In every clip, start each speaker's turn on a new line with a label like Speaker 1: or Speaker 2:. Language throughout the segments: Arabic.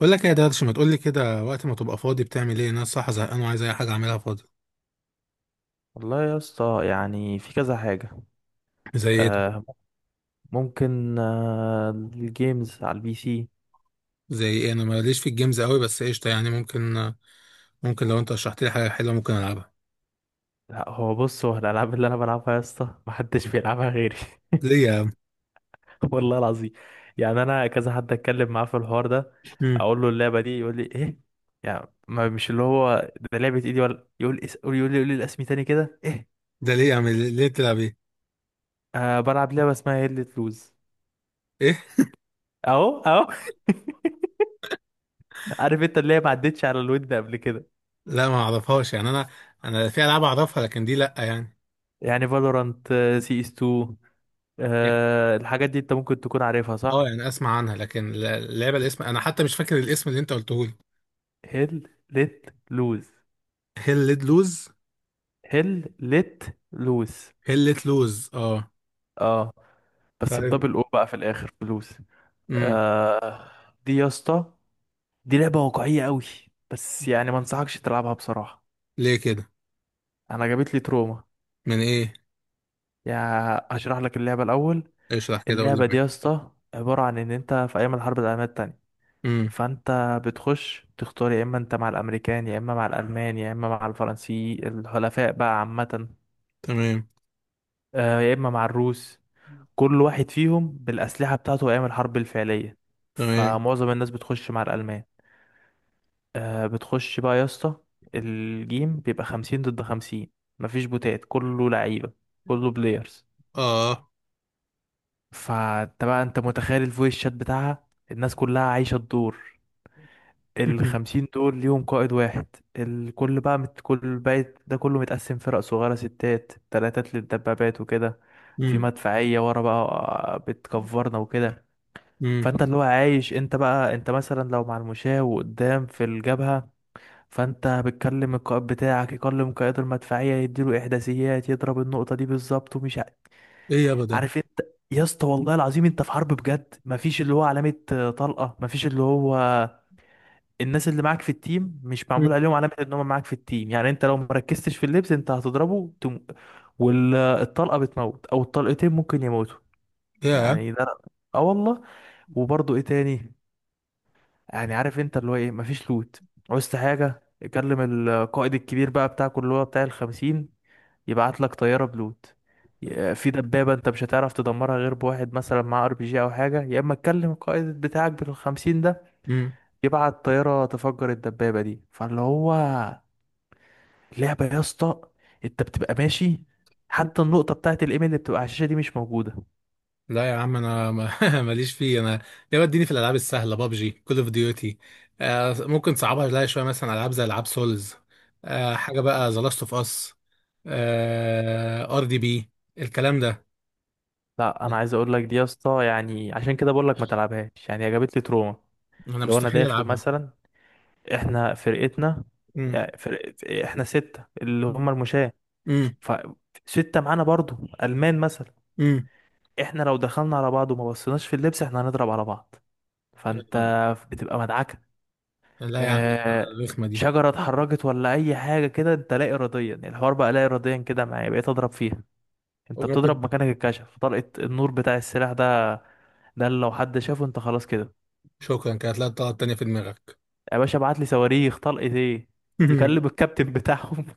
Speaker 1: بقول لك إيه يا درش، ما تقول لي كده، وقت ما تبقى فاضي بتعمل ايه؟ انا الصراحه زهقان وعايز اي حاجه اعملها فاضي.
Speaker 2: والله يا اسطى يعني في كذا حاجة.
Speaker 1: زي ايه؟
Speaker 2: آه ممكن، الجيمز على البي سي.
Speaker 1: زي ايه؟ انا ماليش في الجيمز قوي بس قشطه، يعني ممكن لو انت شرحت لي حاجه حلوه ممكن العبها.
Speaker 2: لا، هو الألعاب اللي أنا بلعبها يا اسطى محدش بيلعبها غيري.
Speaker 1: ليه يا عم؟
Speaker 2: والله العظيم. يعني أنا كذا حد أتكلم معاه في الحوار ده،
Speaker 1: مم.
Speaker 2: أقول له اللعبة دي يقول لي إيه؟ يعني ما مش اللي هو ده لعبة إيدي، ولا يقول يقول لي الأسمي تاني كده إيه.
Speaker 1: ده ليه يا عم؟ ليه تلعب ايه؟
Speaker 2: بلعب لعبة اسمها هيلة لوز.
Speaker 1: ايه؟
Speaker 2: أهو أهو. عارف أنت، اللي هي ما عدتش على الود قبل كده.
Speaker 1: لا ما اعرفهاش يعني انا في العاب اعرفها لكن دي لا يعني.
Speaker 2: يعني فالورانت، CS2،
Speaker 1: يعني
Speaker 2: الحاجات دي انت ممكن تكون عارفها، صح؟
Speaker 1: اه يعني اسمع عنها لكن اللعبه الاسم انا حتى مش فاكر الاسم اللي انت قلته لي.
Speaker 2: هيل ليت لوز.
Speaker 1: هيل ليت لوز؟
Speaker 2: هيل ليت لوز،
Speaker 1: هيل ليت لوز اه.
Speaker 2: اه. بس
Speaker 1: طيب.
Speaker 2: بدبل او بقى في الاخر فلوس.
Speaker 1: امم.
Speaker 2: آه دي يا اسطى، دي لعبة واقعية قوي، بس يعني ما انصحكش تلعبها بصراحة.
Speaker 1: ليه كده؟
Speaker 2: انا جابت لي تروما.
Speaker 1: من ايه؟
Speaker 2: يعني هشرح لك اللعبة الاول.
Speaker 1: اشرح كده قول
Speaker 2: اللعبة دي يا اسطى عبارة عن ان انت في ايام الحرب العالمية التانية.
Speaker 1: لي.
Speaker 2: فانت بتخش تختار، يا اما انت مع الامريكان، يا اما مع الالمان، يا اما مع الفرنسي، الحلفاء بقى عامة.
Speaker 1: تمام.
Speaker 2: يا اما مع الروس. كل واحد فيهم بالاسلحه بتاعته ايام الحرب الفعليه.
Speaker 1: تمام.
Speaker 2: فمعظم الناس بتخش مع الالمان. بتخش بقى يا اسطى، الجيم بيبقى خمسين ضد خمسين. مفيش بوتات، كله لعيبه، كله بلايرز.
Speaker 1: اه.
Speaker 2: فانت بقى انت متخيل الفويس شات بتاعها، الناس كلها عايشه الدور. الخمسين دول ليهم قائد واحد. كل بقى ده كله متقسم فرق صغيرة، ستات تلاتات للدبابات وكده. في
Speaker 1: امم.
Speaker 2: مدفعية ورا بقى، بتكفرنا وكده.
Speaker 1: امم.
Speaker 2: فانت اللي هو عايش، انت بقى انت مثلا لو مع المشاة وقدام في الجبهة، فانت بتكلم القائد بتاعك يكلم قائد المدفعية، يديله احداثيات، يضرب النقطة دي بالظبط،
Speaker 1: ايه يابا ده؟
Speaker 2: عارف انت. يا اسطى والله العظيم، انت في حرب بجد، مفيش اللي هو علامة، طلقة، مفيش اللي هو الناس اللي معاك في التيم مش معمول
Speaker 1: مم.
Speaker 2: عليهم علامة ان هم معاك في التيم، يعني انت لو مركزتش في اللبس انت هتضربه والطلقة بتموت او الطلقتين ممكن يموتوا.
Speaker 1: يا.
Speaker 2: يعني ده، اه والله. وبرضه ايه تاني؟ يعني عارف انت اللي هو ايه، مفيش لوت. عوزت حاجة يكلم القائد الكبير بقى بتاعك اللي هو بتاع الخمسين، يبعت لك طيارة بلوت. في دبابة انت مش هتعرف تدمرها غير بواحد مثلا معاه ار بي جي او حاجة، يا اما تكلم القائد بتاعك بالخمسين ده
Speaker 1: امم.
Speaker 2: يبعت طيارة تفجر الدبابة دي، فاللي هو لعبة يا اسطى. انت بتبقى ماشي، حتى النقطة بتاعت الايميل اللي بتبقى على الشاشة دي مش موجودة.
Speaker 1: لا يا عم انا ما- ماليش فيه انا. يابا اديني في الالعاب السهله، بابجي، كول اوف ديوتي. آه ممكن صعبها لها شويه، مثلا العاب زي العاب سولز. آه حاجه بقى ذا لاست اوف اس، ار دي بي، الكلام ده.
Speaker 2: لا، انا عايز اقول لك، دي يا اسطى يعني عشان كده بقول لك ما تلعبهاش، يعني هي جابت لي تروما.
Speaker 1: انا
Speaker 2: لو انا
Speaker 1: مستحيل
Speaker 2: داخل
Speaker 1: العبها.
Speaker 2: مثلا، احنا فرقتنا،
Speaker 1: امم.
Speaker 2: يعني فرق... احنا ستة اللي هم المشاة،
Speaker 1: امم.
Speaker 2: فستة معانا برضو، ألمان مثلا.
Speaker 1: امم.
Speaker 2: احنا لو دخلنا على بعض وما بصيناش في اللبس احنا هنضرب على بعض، فانت بتبقى مدعكة.
Speaker 1: لا يا عم
Speaker 2: اه...
Speaker 1: الرخمه دي.
Speaker 2: شجرة اتحركت ولا أي حاجة كده، انت لا إراديا، الحوار بقى لا إراديا كده، معايا بقيت أضرب فيها. انت بتضرب
Speaker 1: وممكن.
Speaker 2: مكانك، الكشف، طلقة النور بتاع السلاح ده، ده اللي لو حد شافه انت خلاص كده.
Speaker 1: شكرا، كانت لا طلعت تانية في دماغك.
Speaker 2: يا باشا ابعت لي صواريخ، طلقة ايه. يكلم الكابتن بتاعهم،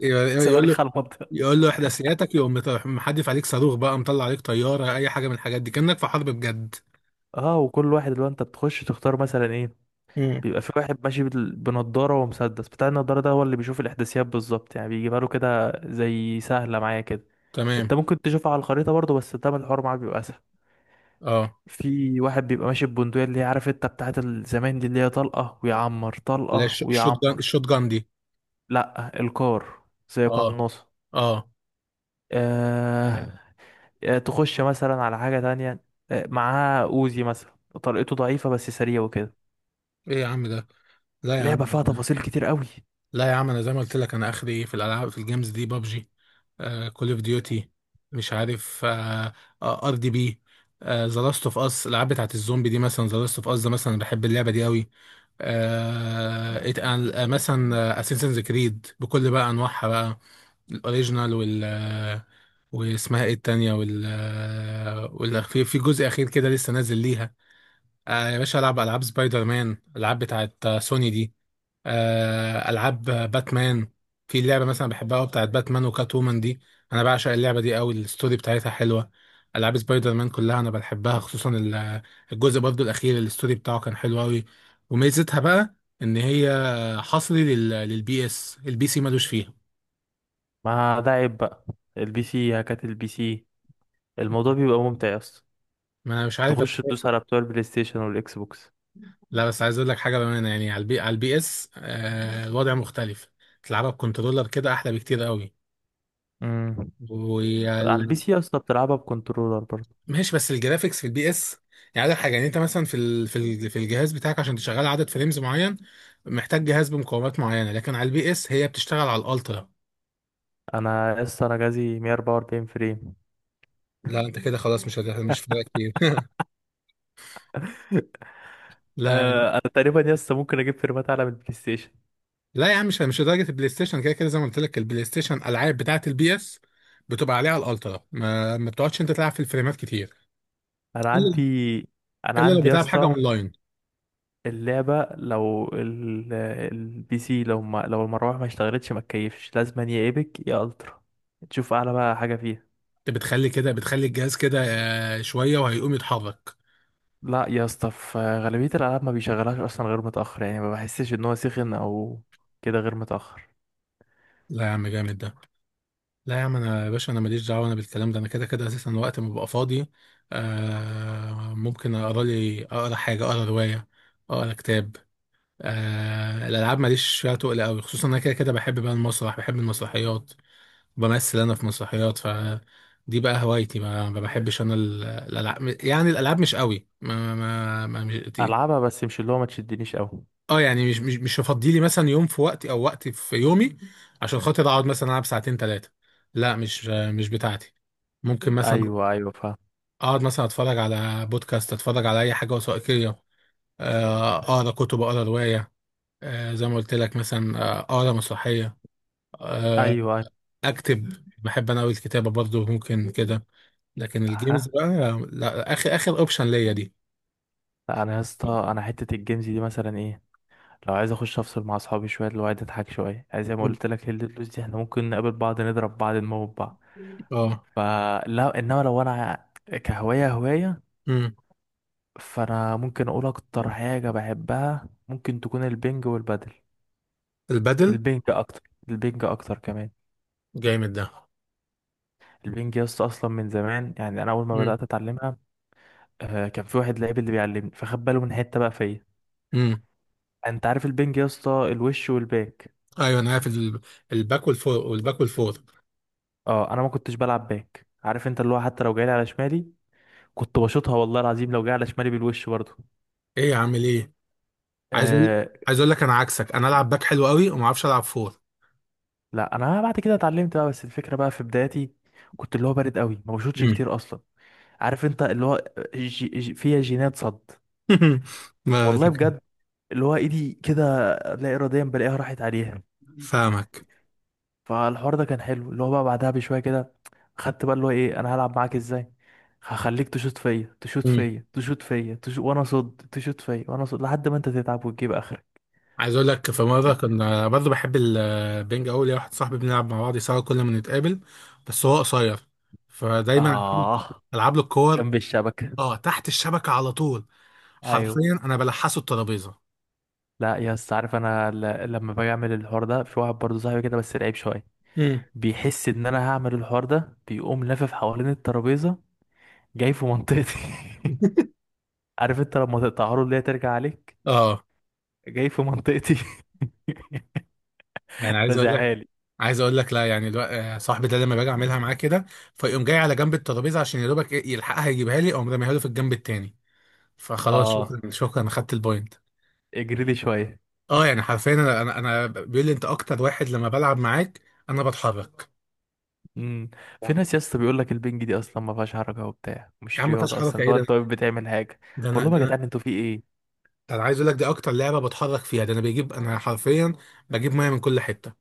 Speaker 1: يقول، يقول له.
Speaker 2: صواريخ على المنطقة.
Speaker 1: يقول له احداثياتك يقوم محدف عليك صاروخ بقى، مطلع عليك طياره، اي حاجه من الحاجات دي، كانك في حرب بجد.
Speaker 2: اه، وكل واحد اللي هو انت بتخش تختار مثلا ايه،
Speaker 1: امم.
Speaker 2: بيبقى في واحد ماشي بنضاره ومسدس، بتاع النضاره ده هو اللي بيشوف الاحداثيات بالظبط، يعني بيجيبها له كده زي سهله معايا كده.
Speaker 1: تمام.
Speaker 2: انت ممكن تشوفها على الخريطه برضه، بس ده الحوار معاك بيبقى اسهل.
Speaker 1: اه.
Speaker 2: في واحد بيبقى ماشي ببندقيه، اللي هي عارف انت بتاعت الزمان دي، اللي هي طلقه ويعمر
Speaker 1: لا
Speaker 2: طلقه
Speaker 1: الشوت جان،
Speaker 2: ويعمر.
Speaker 1: الشوت جان دي.
Speaker 2: لا الكار زي
Speaker 1: اه.
Speaker 2: قناصه.
Speaker 1: اه.
Speaker 2: آه تخش مثلا على حاجه تانية، معاه اوزي مثلا، طلقته ضعيفه بس سريع وكده.
Speaker 1: ايه يا عم ده. لا يا عم.
Speaker 2: لعبه فيها تفاصيل كتير قوي.
Speaker 1: لا يا عم انا زي ما قلت لك انا اخري ايه في الالعاب في الجيمز دي بابجي، كول اوف ديوتي، مش عارف، ار دي بي، ذا لاست اوف اس، الالعاب بتاعت الزومبي دي مثلا. ذا لاست اوف اس ده مثلا بحب اللعبه دي قوي. آه إت- مثلا اساسنز كريد بكل بقى انواعها بقى الاوريجينال، وال، واسمها ايه التانية، وال، وال في في جزء اخير كده لسه نازل ليها. آه يا باشا العب العاب سبايدر مان، العاب بتاعت سوني دي، آه العاب باتمان. في لعبة مثلا بحبها قوي بتاعت باتمان وكات وومن دي، انا بعشق اللعبة دي قوي، الستوري بتاعتها حلوة. العاب سبايدر مان كلها انا بحبها، خصوصا الجزء برضو الاخير الستوري بتاعه كان حلو قوي. وميزتها بقى ان هي حصري للبي اس، البي سي ملوش فيها.
Speaker 2: ما ده عيب بقى. البي سي هكات البي سي، الموضوع بيبقى ممتع يا اسطى،
Speaker 1: ما انا مش عارف.
Speaker 2: تخش تدوس على بتوع البلاي ستيشن والاكس بوكس.
Speaker 1: لا بس عايز اقول لك حاجه بامانه، يعني على البي، على البي اس، آه الوضع مختلف. تلعبها بكنترولر كده احلى بكتير قوي.
Speaker 2: امم على البي
Speaker 1: وال...
Speaker 2: سي يا اسطى بتلعبها بكنترولر برضه.
Speaker 1: ماشي بس الجرافيكس في البي اس يعني، عندك حاجه يعني انت مثلا في الجهاز بتاعك عشان تشغل عدد فريمز معين محتاج جهاز بمقاومات معينه، لكن على البي اس هي بتشتغل على الالترا.
Speaker 2: انا يا اسطى جهازي 144 فريم.
Speaker 1: لا انت كده خلاص مش فارقه كتير. لا.
Speaker 2: انا تقريبا يا اسطى ممكن اجيب فريمات اعلى من البلاي ستيشن.
Speaker 1: لا يا عم مش لدرجه البلاي ستيشن، كده كده زي ما قلت لك البلاي ستيشن الالعاب بتاعت البي اس بتبقى عليها الالترا، ما بتقعدش انت تلعب في الفريمات كتير
Speaker 2: انا عندي انا
Speaker 1: الا لو
Speaker 2: عندي يا
Speaker 1: بتلعب حاجه
Speaker 2: اسطى،
Speaker 1: اونلاين.
Speaker 2: اللعبه لو البي سي لو ما... لو المروحه ما اشتغلتش ما تكيفش، لازم يا ايبك يا الترا، تشوف اعلى بقى حاجه فيها.
Speaker 1: انت بتخلي كده بتخلي الجهاز كده، شويه وهيقوم يتحرك.
Speaker 2: لا يا اسطى في غالبية الألعاب ما بيشغلهاش أصلا غير متأخر، يعني ما بحسش إن هو سخن أو كده غير متأخر.
Speaker 1: لا يا عم جامد ده. لا يا عم انا يا باشا انا ماليش دعوه انا بالكلام ده، انا كده كده اساسا وقت ما ببقى فاضي آه ممكن اقرا لي، اقرا حاجه، اقرا روايه، اقرا كتاب. آه الالعاب ماليش فيها تقل قوي، خصوصا انا كده كده بحب بقى المسرح، بحب المسرحيات، بمثل انا في مسرحيات ف دي بقى هوايتي. ما بحبش انا الالعاب يعني الالعاب مش قوي
Speaker 2: ألعبها بس مش اللي هو ما تشدنيش أوي.
Speaker 1: اه يعني مش هفضي لي مثلا يوم في وقتي او وقت في يومي عشان خاطر اقعد مثلا العب ساعتين ثلاثه. لا مش بتاعتي. ممكن مثلا
Speaker 2: أيوه أيوه فاهم.
Speaker 1: اقعد مثلا اتفرج على بودكاست، اتفرج على اي حاجه وثائقيه، اقرا كتب، اقرا روايه، زي ما قلت لك مثلا، اقرا مسرحيه،
Speaker 2: أيوه
Speaker 1: آه،
Speaker 2: أيوه.
Speaker 1: اكتب بحب انا قوي الكتابه برضو ممكن كده. لكن الجيمز
Speaker 2: ها.
Speaker 1: بقى لا، اخر اخر اوبشن ليا دي.
Speaker 2: لا أنا يا اسطى، أنا حتة الجيمز دي مثلا إيه، لو عايز أخش أفصل مع أصحابي شوية اللي هو عايز أضحك شوية، عايز زي ما
Speaker 1: مم.
Speaker 2: قلت لك، هي الفلوس دي إحنا ممكن نقابل بعض نضرب بعض نموت بعض.
Speaker 1: اه.
Speaker 2: فلا، إنما لو أنا كهواية، هواية،
Speaker 1: امم.
Speaker 2: فأنا ممكن أقول أكتر حاجة بحبها ممكن تكون البنج والبادل.
Speaker 1: البدل.
Speaker 2: البنج اكتر. البنج اكتر كمان.
Speaker 1: جامد ده.
Speaker 2: البنج يا اسطى اصلا من زمان، يعني انا اول ما بدات اتعلمها، كان في واحد لعيب اللي بيعلمني فخد باله من حته بقى فيا.
Speaker 1: امم.
Speaker 2: انت عارف البنج يا اسطى، الوش والباك.
Speaker 1: ايوه انا عارف الباك والفور، والباك والفور.
Speaker 2: اه انا ما كنتش بلعب باك، عارف انت اللي هو حتى لو جاي على شمالي كنت بشوطها، والله العظيم لو جاي على شمالي بالوش برضه.
Speaker 1: ايه يا عم ايه. عايز اقول
Speaker 2: آه.
Speaker 1: عايز اقول لك انا عكسك انا العب باك حلو قوي وما اعرفش العب فور.
Speaker 2: لا انا بعد كده اتعلمت بقى، بس الفكره بقى في بدايتي كنت اللي هو بارد قوي ما بشوطش
Speaker 1: مم.
Speaker 2: كتير اصلا. عارف انت اللي هو جي جي فيها جينات صد.
Speaker 1: ما.
Speaker 2: والله بجد. اللي هو ايدي كده، لا اراديا بلاقيها راحت عليها.
Speaker 1: فاهمك.
Speaker 2: فالحوار ده كان حلو، اللي هو بقى بعدها بشويه كده، خدت بقى اللي هو ايه، انا هلعب معاك ازاي، هخليك تشوط فيا تشوط
Speaker 1: مم.
Speaker 2: فيا تشوط فيا تشوط وانا صد تشوط فيا وانا صد لحد ما انت تتعب وتجيب اخرك.
Speaker 1: عايز اقول لك في مره كنا برضه بحب البنج قوي، ليا واحد صاحبي بنلعب مع بعض سوا كل ما نتقابل، بس هو قصير فدايما العب له،
Speaker 2: اه،
Speaker 1: ألعب له الكور.
Speaker 2: جنب الشبكه.
Speaker 1: اه تحت الشبكه على طول،
Speaker 2: ايوه.
Speaker 1: حرفيا انا بلحسه الترابيزه.
Speaker 2: لا يا اسطى، عارف انا لما باجي اعمل الحوار ده في واحد برضه صاحبي كده بس لعيب شويه،
Speaker 1: مم.
Speaker 2: بيحس ان انا هعمل الحوار ده بيقوم لافف حوالين الترابيزه، جاي في منطقتي. عارف انت لما تقطعها له اللي هي ترجع عليك،
Speaker 1: اه
Speaker 2: جاي في منطقتي.
Speaker 1: يعني عايز اقول لك
Speaker 2: رازعها لي.
Speaker 1: عايز اقول لك لا يعني صاحبي ده لما باجي اعملها معاه كده فيقوم جاي على جنب الترابيزه عشان يا دوبك إيه يلحقها، يجيبها لي اقوم راميها له في الجنب التاني، فخلاص
Speaker 2: اه،
Speaker 1: شكرا شكرا انا خدت البوينت.
Speaker 2: اجري لي شويه.
Speaker 1: اه يعني حرفيا انا انا أنا بيقول لي انت اكتر واحد لما بلعب معاك انا بتحرك.
Speaker 2: امم. في
Speaker 1: صح.
Speaker 2: ناس يا اسطى بيقول لك البنج دي اصلا ما فيهاش حركه وبتاع،
Speaker 1: يا
Speaker 2: مش
Speaker 1: عم ما فيهاش
Speaker 2: رياضه اصلا،
Speaker 1: حركه،
Speaker 2: اللي
Speaker 1: ايه
Speaker 2: هو
Speaker 1: ده؟
Speaker 2: انت واقف بتعمل حاجه.
Speaker 1: ده
Speaker 2: بقول
Speaker 1: انا
Speaker 2: لهم يا
Speaker 1: ده انا
Speaker 2: جدعان انتوا في ايه.
Speaker 1: ده انا عايز اقول لك دي اكتر لعبه بتحرك فيها، ده انا بجيب انا حرفيا بجيب ميه من كل حته.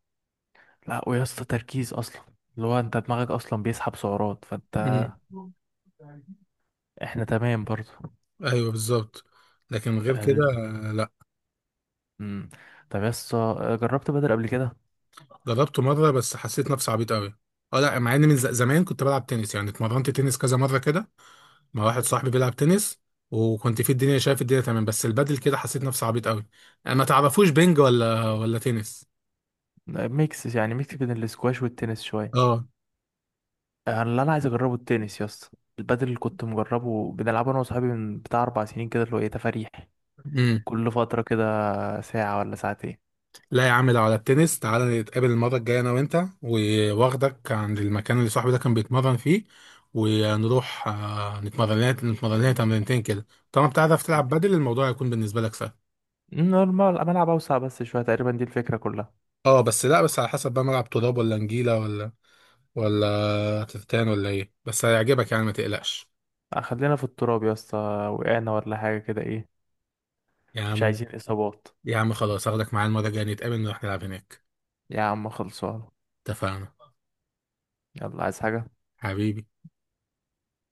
Speaker 2: لا ويا اسطى تركيز اصلا، اللي هو انت دماغك اصلا بيسحب سعرات، فانت
Speaker 1: مم.
Speaker 2: احنا تمام برضو.
Speaker 1: ايوه بالظبط. لكن غير كده
Speaker 2: ال...
Speaker 1: لا.
Speaker 2: امم. طب يا اسطى، جربت بدل قبل كده؟
Speaker 1: جربته مرة بس حسيت نفسي عبيط قوي. اه لا مع ان زمان كنت بلعب تنس يعني اتمرنت تنس كذا مرة كده مع واحد صاحبي بيلعب تنس، وكنت في الدنيا شايف الدنيا تمام، بس البدل كده حسيت نفسي عبيط قوي. ما تعرفوش بينج ولا تنس؟
Speaker 2: ميكس يعني بين الاسكواش والتنس شويه.
Speaker 1: اه.
Speaker 2: اللي انا عايز اجربه التنس يا اسطى، البدل اللي كنت مجربه بنلعبه انا وصحابي من بتاع 4 سنين كده، اللي هو ايه تفاريح،
Speaker 1: امم.
Speaker 2: كل فترة كده ساعة ولا ساعتين.
Speaker 1: لا يا عم لو على التنس تعالى نتقابل المرة الجاية انا وانت، واخدك عند المكان اللي صاحبي ده كان بيتمرن فيه ونروح، نتمرن لنا تمرينتين كده. طالما بتعرف تلعب بدل الموضوع هيكون بالنسبة لك سهل.
Speaker 2: نورمال، ملعب أوسع بس شوية، تقريبا دي الفكرة كلها.
Speaker 1: اه بس لا بس على حسب بقى ملعب تراب ولا نجيلة ولا تفتان ولا ايه، بس هيعجبك يعني ما تقلقش.
Speaker 2: خلينا في التراب يا اسطى، وقعنا ولا حاجة كده ايه،
Speaker 1: يا
Speaker 2: مش
Speaker 1: عم.
Speaker 2: عايزين إصابات.
Speaker 1: يا عم خلاص هاخدك معايا المرة الجاية نتقابل نروح نلعب هناك.
Speaker 2: يا عم خلصان.
Speaker 1: اتفقنا.
Speaker 2: يلا، عايز حاجة؟
Speaker 1: حبيبي.